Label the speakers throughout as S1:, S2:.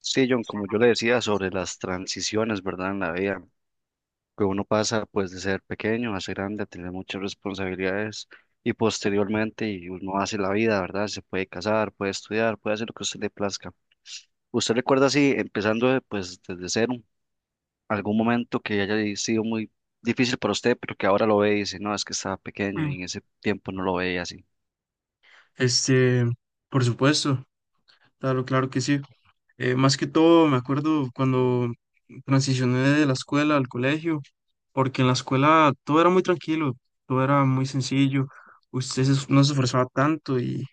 S1: Sí, John, como yo le decía sobre las transiciones, ¿verdad? En la vida, que uno pasa pues de ser pequeño a ser grande, a tener muchas responsabilidades y posteriormente y uno hace la vida, ¿verdad? Se puede casar, puede estudiar, puede hacer lo que a usted le plazca. ¿Usted recuerda así, empezando de, pues desde cero, algún momento que haya sido muy difícil para usted, pero que ahora lo ve y dice, no, es que estaba pequeño
S2: Mm.
S1: y en ese tiempo no lo veía así?
S2: Este, por supuesto, claro, claro que sí. Más que todo, me acuerdo cuando transicioné de la escuela al colegio, porque en la escuela todo era muy tranquilo, todo era muy sencillo, usted se no se esforzaba tanto y,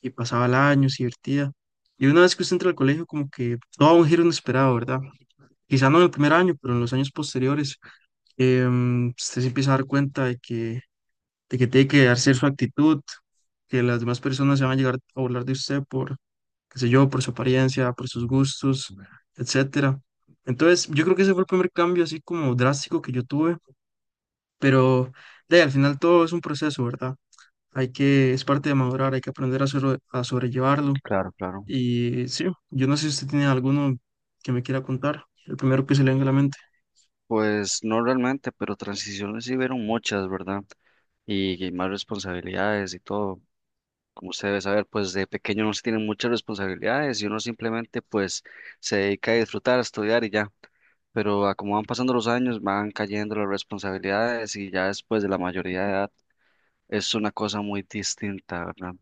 S2: y pasaba el año, se divertía. Y una vez que usted entra al colegio, como que todo da un giro inesperado, ¿verdad? Quizá no en el primer año, pero en los años posteriores, usted se empieza a dar cuenta de que tiene que darse su actitud, que las demás personas se van a llegar a hablar de usted por, qué sé yo, por su apariencia, por sus gustos, etcétera. Entonces, yo creo que ese fue el primer cambio así como drástico que yo tuve, pero de ahí, al final todo es un proceso, ¿verdad? Hay que, es parte de madurar, hay que aprender a, a sobrellevarlo.
S1: Claro, claro.
S2: Y sí, yo no sé si usted tiene alguno que me quiera contar, el primero que se le venga a la mente.
S1: Pues no realmente, pero transiciones sí vieron muchas, ¿verdad? Y más responsabilidades y todo. Como usted debe saber, pues de pequeño no se tienen muchas responsabilidades y uno simplemente pues se dedica a disfrutar, a estudiar y ya. Pero a como van pasando los años, van cayendo las responsabilidades y ya después de la mayoría de edad es una cosa muy distinta, ¿verdad?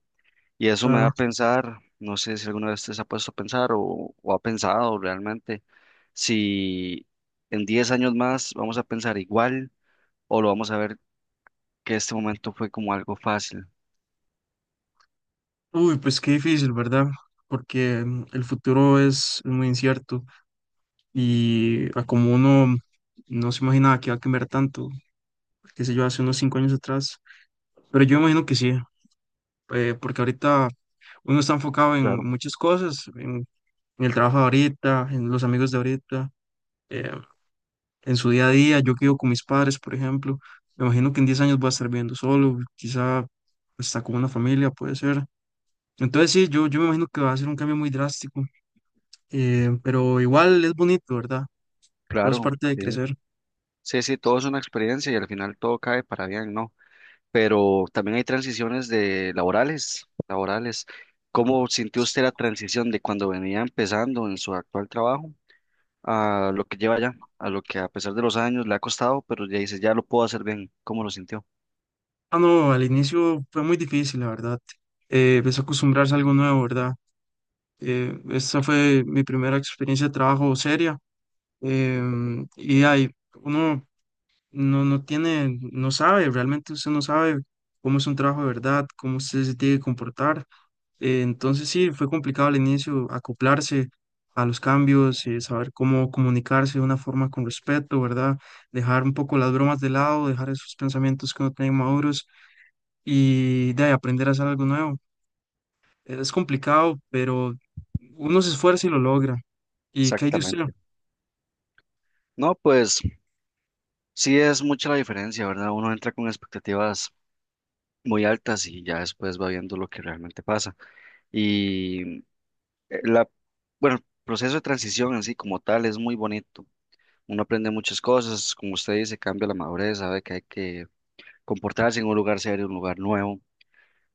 S1: Y eso me da
S2: Claro.
S1: a pensar, no sé si alguna vez usted se ha puesto a pensar o ha pensado realmente si en 10 años más vamos a pensar igual o lo vamos a ver que este momento fue como algo fácil.
S2: Uy, pues qué difícil, ¿verdad? Porque el futuro es muy incierto. Y a como uno no se imaginaba que va a cambiar tanto, qué sé yo, hace unos 5 años atrás. Pero yo imagino que sí, porque ahorita uno está enfocado en
S1: Claro,
S2: muchas cosas, en el trabajo de ahorita, en los amigos de ahorita, eh, en su día a día. Yo que vivo con mis padres, por ejemplo, me imagino que en 10 años voy a estar viviendo solo, quizá hasta con una familia, puede ser. Entonces sí, yo me imagino que va a ser un cambio muy drástico, pero igual es bonito, ¿verdad? Todo es
S1: claro.
S2: parte de
S1: Sí.
S2: crecer.
S1: Sí, sí, todo es una experiencia y al final todo cae para bien, ¿no? Pero también hay transiciones de laborales, laborales. ¿Cómo sintió usted la transición de cuando venía empezando en su actual trabajo a lo que lleva ya, a lo que a pesar de los años le ha costado, pero ya dice, ya lo puedo hacer bien? ¿Cómo lo sintió?
S2: Ah, no, al inicio fue muy difícil, la verdad. Empecé a acostumbrarse a algo nuevo, ¿verdad? Esta fue mi primera experiencia de trabajo seria. Y ahí uno no sabe, realmente usted no sabe cómo es un trabajo de verdad, cómo usted se tiene que comportar. Entonces sí, fue complicado al inicio acoplarse a los cambios, saber cómo comunicarse de una forma con respeto, ¿verdad? Dejar un poco las bromas de lado, dejar esos pensamientos que uno tiene maduros y de ahí aprender a hacer algo nuevo. Es complicado, pero uno se esfuerza y lo logra. ¿Y qué hay de usted?
S1: Exactamente. No, pues sí es mucha la diferencia, ¿verdad? Uno entra con expectativas muy altas y ya después va viendo lo que realmente pasa. Y La, bueno, el proceso de transición en sí como tal es muy bonito. Uno aprende muchas cosas, como usted dice, cambia la madurez, sabe que hay que comportarse en un lugar serio, un lugar nuevo,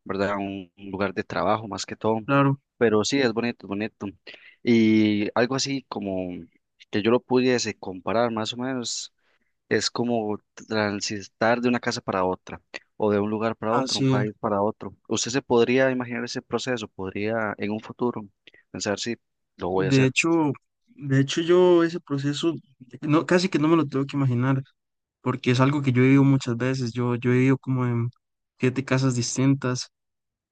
S1: ¿verdad? Un lugar de trabajo más que todo.
S2: Claro,
S1: Pero sí, es bonito, es bonito. Y algo así como que yo lo pudiese comparar más o menos, es como transitar de una casa para otra, o de un lugar para otro,
S2: así
S1: un
S2: es.
S1: país para otro. ¿Usted se podría imaginar ese proceso? ¿Podría en un futuro pensar si lo voy a
S2: De
S1: hacer?
S2: hecho, de hecho, yo ese proceso no, casi que no me lo tengo que imaginar, porque es algo que yo he vivido muchas veces. Yo he vivido como en 7 casas distintas.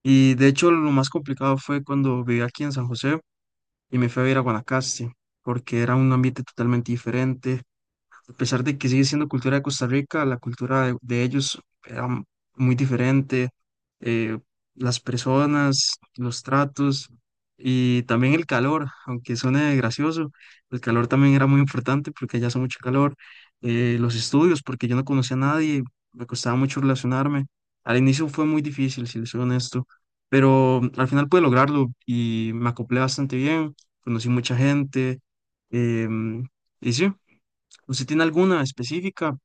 S2: Y de hecho lo más complicado fue cuando viví aquí en San José y me fui a vivir a Guanacaste, porque era un ambiente totalmente diferente a pesar de que sigue siendo cultura de Costa Rica, la cultura de ellos era muy diferente, eh, las personas, los tratos y también el calor, aunque suene gracioso, el calor también era muy importante porque allá hace mucho calor, los estudios, porque yo no conocía a nadie, me costaba mucho relacionarme, al inicio fue muy difícil, si les soy honesto, pero al final pude lograrlo y me acoplé bastante bien, conocí mucha gente, em, y sí. ¿Usted tiene alguna específica?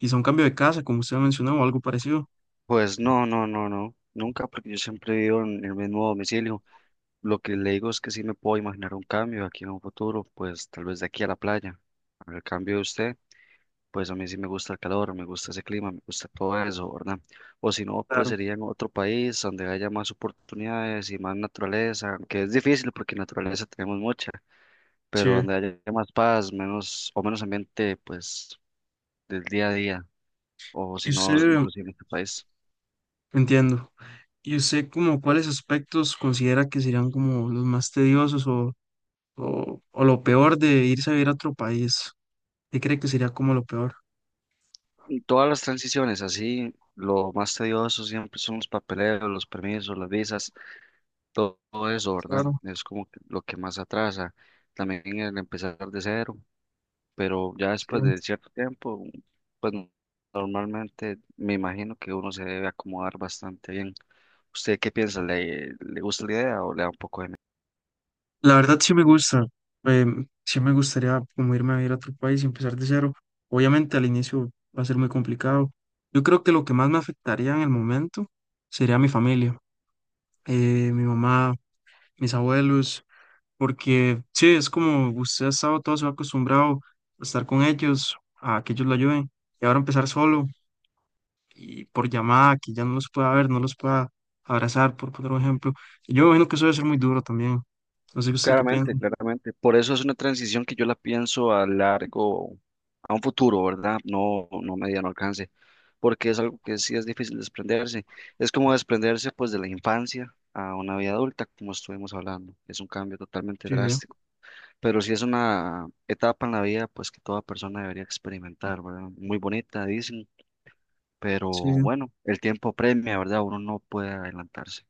S2: Quizá un cambio de casa, como usted mencionó, o algo parecido.
S1: Pues no, no, no, no, nunca, porque yo siempre vivo en el mismo domicilio. Lo que le digo es que sí me puedo imaginar un cambio aquí en un futuro, pues tal vez de aquí a la playa. En el cambio de usted, pues a mí sí me gusta el calor, me gusta ese clima, me gusta todo eso, ¿verdad? O si no, pues
S2: Claro.
S1: sería en otro país donde haya más oportunidades y más naturaleza, que es difícil porque naturaleza tenemos mucha, pero
S2: Sí.
S1: donde haya más paz, menos o menos ambiente, pues del día a día, o
S2: Y
S1: si no,
S2: usted,
S1: inclusive en este país.
S2: entiendo. ¿Y usted como cuáles aspectos considera que serían como los más tediosos o lo peor de irse a vivir a otro país? ¿Qué cree que sería como lo peor?
S1: Todas las transiciones, así, lo más tedioso siempre son los papeleos, los permisos, las visas, todo, todo eso, ¿verdad?
S2: Claro,
S1: Es como que lo que más atrasa. También el empezar de cero, pero ya
S2: sí.
S1: después de cierto tiempo, pues normalmente me imagino que uno se debe acomodar bastante bien. ¿Usted qué piensa? ¿Le, le gusta la idea o le da un poco de
S2: La verdad sí me gusta. Sí me gustaría como irme a vivir a otro país y empezar de cero. Obviamente al inicio va a ser muy complicado. Yo creo que lo que más me afectaría en el momento sería mi familia mi mamá, mis abuelos, porque sí, es como usted ha estado todo su vida acostumbrado a estar con ellos, a que ellos lo ayuden, y ahora empezar solo y por llamada, que ya no los pueda ver, no los pueda abrazar, por poner un ejemplo. Y yo me imagino que eso debe ser muy duro también. No sé usted qué piensa.
S1: Claramente, claramente. Por eso es una transición que yo la pienso a largo, a un futuro, ¿verdad? No, no mediano alcance, porque es algo que sí es difícil desprenderse. Es como desprenderse pues de la infancia a una vida adulta, como estuvimos hablando. Es un cambio totalmente
S2: Sí,
S1: drástico, pero sí es una etapa en la vida pues que toda persona debería experimentar, ¿verdad? Muy bonita, dicen, pero
S2: sí,
S1: bueno, el tiempo premia, ¿verdad? Uno no puede adelantarse.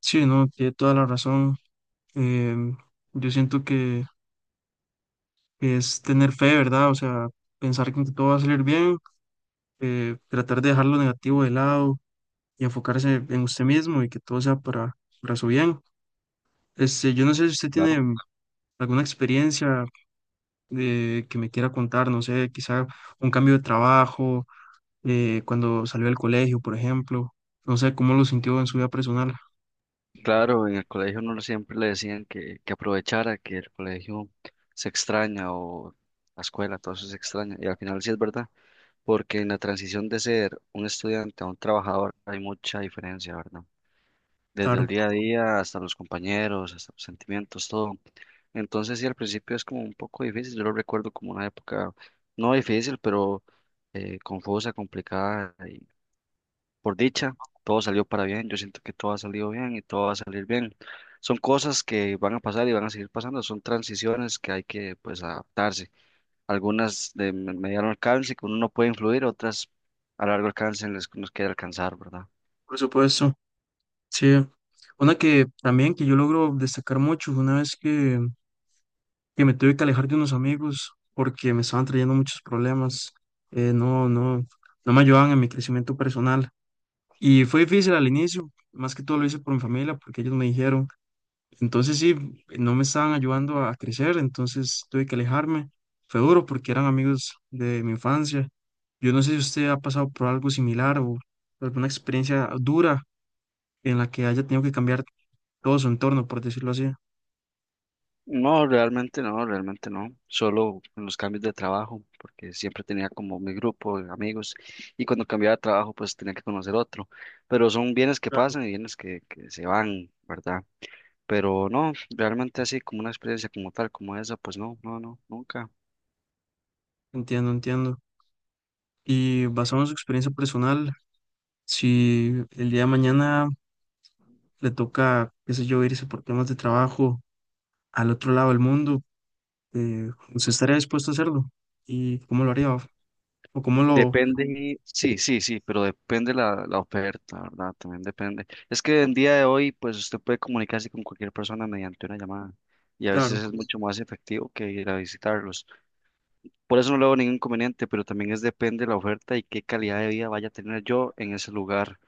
S2: sí, no, tiene toda la razón. Em, yo siento que es tener fe, ¿verdad? O sea, pensar que todo va a salir bien, tratar de dejar lo negativo de lado y enfocarse en usted mismo y que todo sea para su bien. Yo no sé si usted
S1: Claro.
S2: tiene alguna experiencia que me quiera contar, no sé, quizá un cambio de trabajo, cuando salió del colegio, por ejemplo, no sé cómo lo sintió en su vida personal.
S1: Claro, en el colegio no siempre le decían que aprovechara, que el colegio se extraña o la escuela, todo eso se extraña. Y al final sí es verdad, porque en la transición de ser un estudiante a un trabajador hay mucha diferencia, ¿verdad? Desde el
S2: Claro,
S1: día a día hasta los compañeros, hasta los sentimientos, todo. Entonces sí, al principio es como un poco difícil. Yo lo recuerdo como una época no difícil, pero confusa, complicada por dicha, todo salió para bien. Yo siento que todo ha salido bien y todo va a salir bien. Son cosas que van a pasar y van a seguir pasando. Son transiciones que hay que, pues, adaptarse. Algunas de mediano alcance que uno no puede influir, otras a largo alcance en las que nos queda alcanzar, ¿verdad?
S2: por supuesto, sí. Una que también que yo logro destacar mucho fue una vez que me tuve que alejar de unos amigos porque me estaban trayendo muchos problemas, eh, no, no, no me ayudaban en mi crecimiento personal. Y fue difícil al inicio, más que todo lo hice por mi familia, porque ellos me dijeron. Entonces sí, no me estaban ayudando a crecer, entonces tuve que alejarme. Fue duro porque eran amigos de mi infancia. Yo no sé si usted ha pasado por algo similar o alguna experiencia dura en la que haya tenido que cambiar todo su entorno, por decirlo así.
S1: No, realmente no, realmente no. Solo en los cambios de trabajo, porque siempre tenía como mi grupo de amigos y cuando cambiaba de trabajo, pues tenía que conocer otro. Pero son bienes que
S2: Claro.
S1: pasan y bienes que se van, ¿verdad? Pero no, realmente así como una experiencia como tal, como esa, pues no, no, no, nunca.
S2: Entiendo, entiendo. Y basado en su experiencia personal, si el día de mañana le toca, qué sé yo, irse por temas de trabajo al otro lado del mundo, ¿usted estaría dispuesto a hacerlo? ¿Y cómo lo haría? ¿O cómo lo...?
S1: Depende, sí, sí, sí, pero depende la oferta, ¿verdad? También depende. Es que en día de hoy, pues usted puede comunicarse con cualquier persona mediante una llamada y a
S2: Claro,
S1: veces es mucho más efectivo que ir a visitarlos. Por eso no le veo ningún inconveniente, pero también es depende la oferta y qué calidad de vida vaya a tener yo en ese lugar,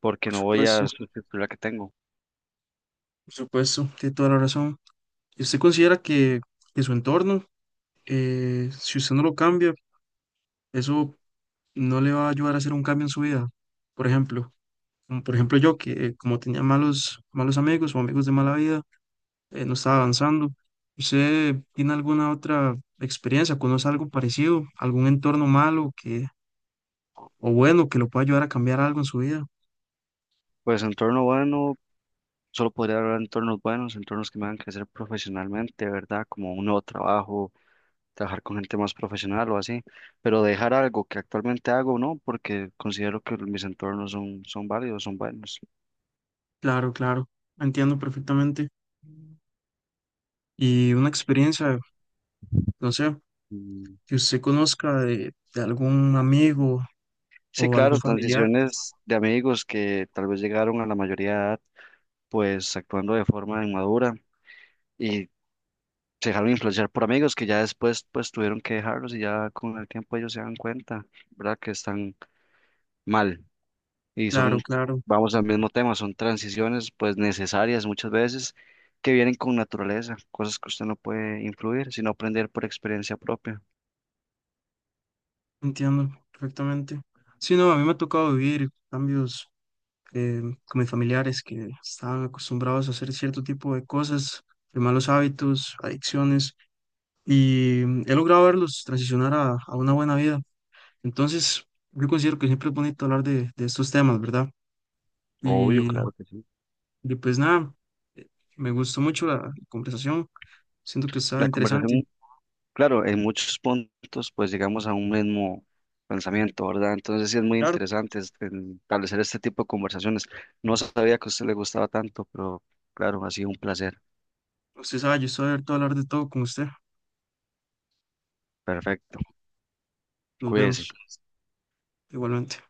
S1: porque
S2: por
S1: no voy
S2: supuesto,
S1: a sustituir la que tengo.
S2: por supuesto, tiene toda la razón. ¿Y usted considera que su entorno, si usted no lo cambia, eso no le va a ayudar a hacer un cambio en su vida? Por ejemplo, como por ejemplo yo, que como tenía malos amigos o amigos de mala vida, no estaba avanzando. ¿Usted tiene alguna otra experiencia? ¿Conoce algo parecido? ¿Algún entorno malo que, o bueno que lo pueda ayudar a cambiar algo en su vida?
S1: Pues entorno bueno, solo podría hablar de entornos buenos, entornos que me hagan crecer profesionalmente, ¿verdad? Como un nuevo trabajo, trabajar con gente más profesional o así, pero dejar algo que actualmente hago, ¿no? Porque considero que mis entornos son válidos, son buenos.
S2: Claro, claro, entiendo perfectamente. Y una experiencia, no sé,
S1: Mm.
S2: que usted conozca de algún amigo
S1: Sí,
S2: o algún
S1: claro,
S2: familiar.
S1: transiciones de amigos que tal vez llegaron a la mayoría de edad, pues actuando de forma inmadura y se dejaron influenciar por amigos que ya después pues tuvieron que dejarlos y ya con el tiempo ellos se dan cuenta, ¿verdad? Que están mal. Y son,
S2: Claro, claro,
S1: vamos al mismo tema, son transiciones pues necesarias muchas veces que vienen con naturaleza, cosas que usted no puede influir, sino aprender por experiencia propia.
S2: entiendo perfectamente. Sí, no, a mí me ha tocado vivir cambios con mis familiares que estaban acostumbrados a hacer cierto tipo de cosas, de malos hábitos, adicciones, y he logrado verlos transicionar a una buena vida. Entonces, yo considero que siempre es bonito hablar de estos temas, ¿verdad?
S1: Obvio,
S2: Y
S1: claro que sí.
S2: Y pues nada, eh, me gustó mucho la conversación. Siento que estaba
S1: La
S2: interesante.
S1: conversación, claro, en muchos puntos pues llegamos a un mismo pensamiento, ¿verdad? Entonces sí es muy
S2: Claro,
S1: interesante en establecer este tipo de conversaciones. No sabía que a usted le gustaba tanto, pero claro, ha sido un placer.
S2: usted sabe, yo estoy abierto a hablar de todo con usted.
S1: Perfecto.
S2: Nos
S1: Cuídese.
S2: vemos igualmente.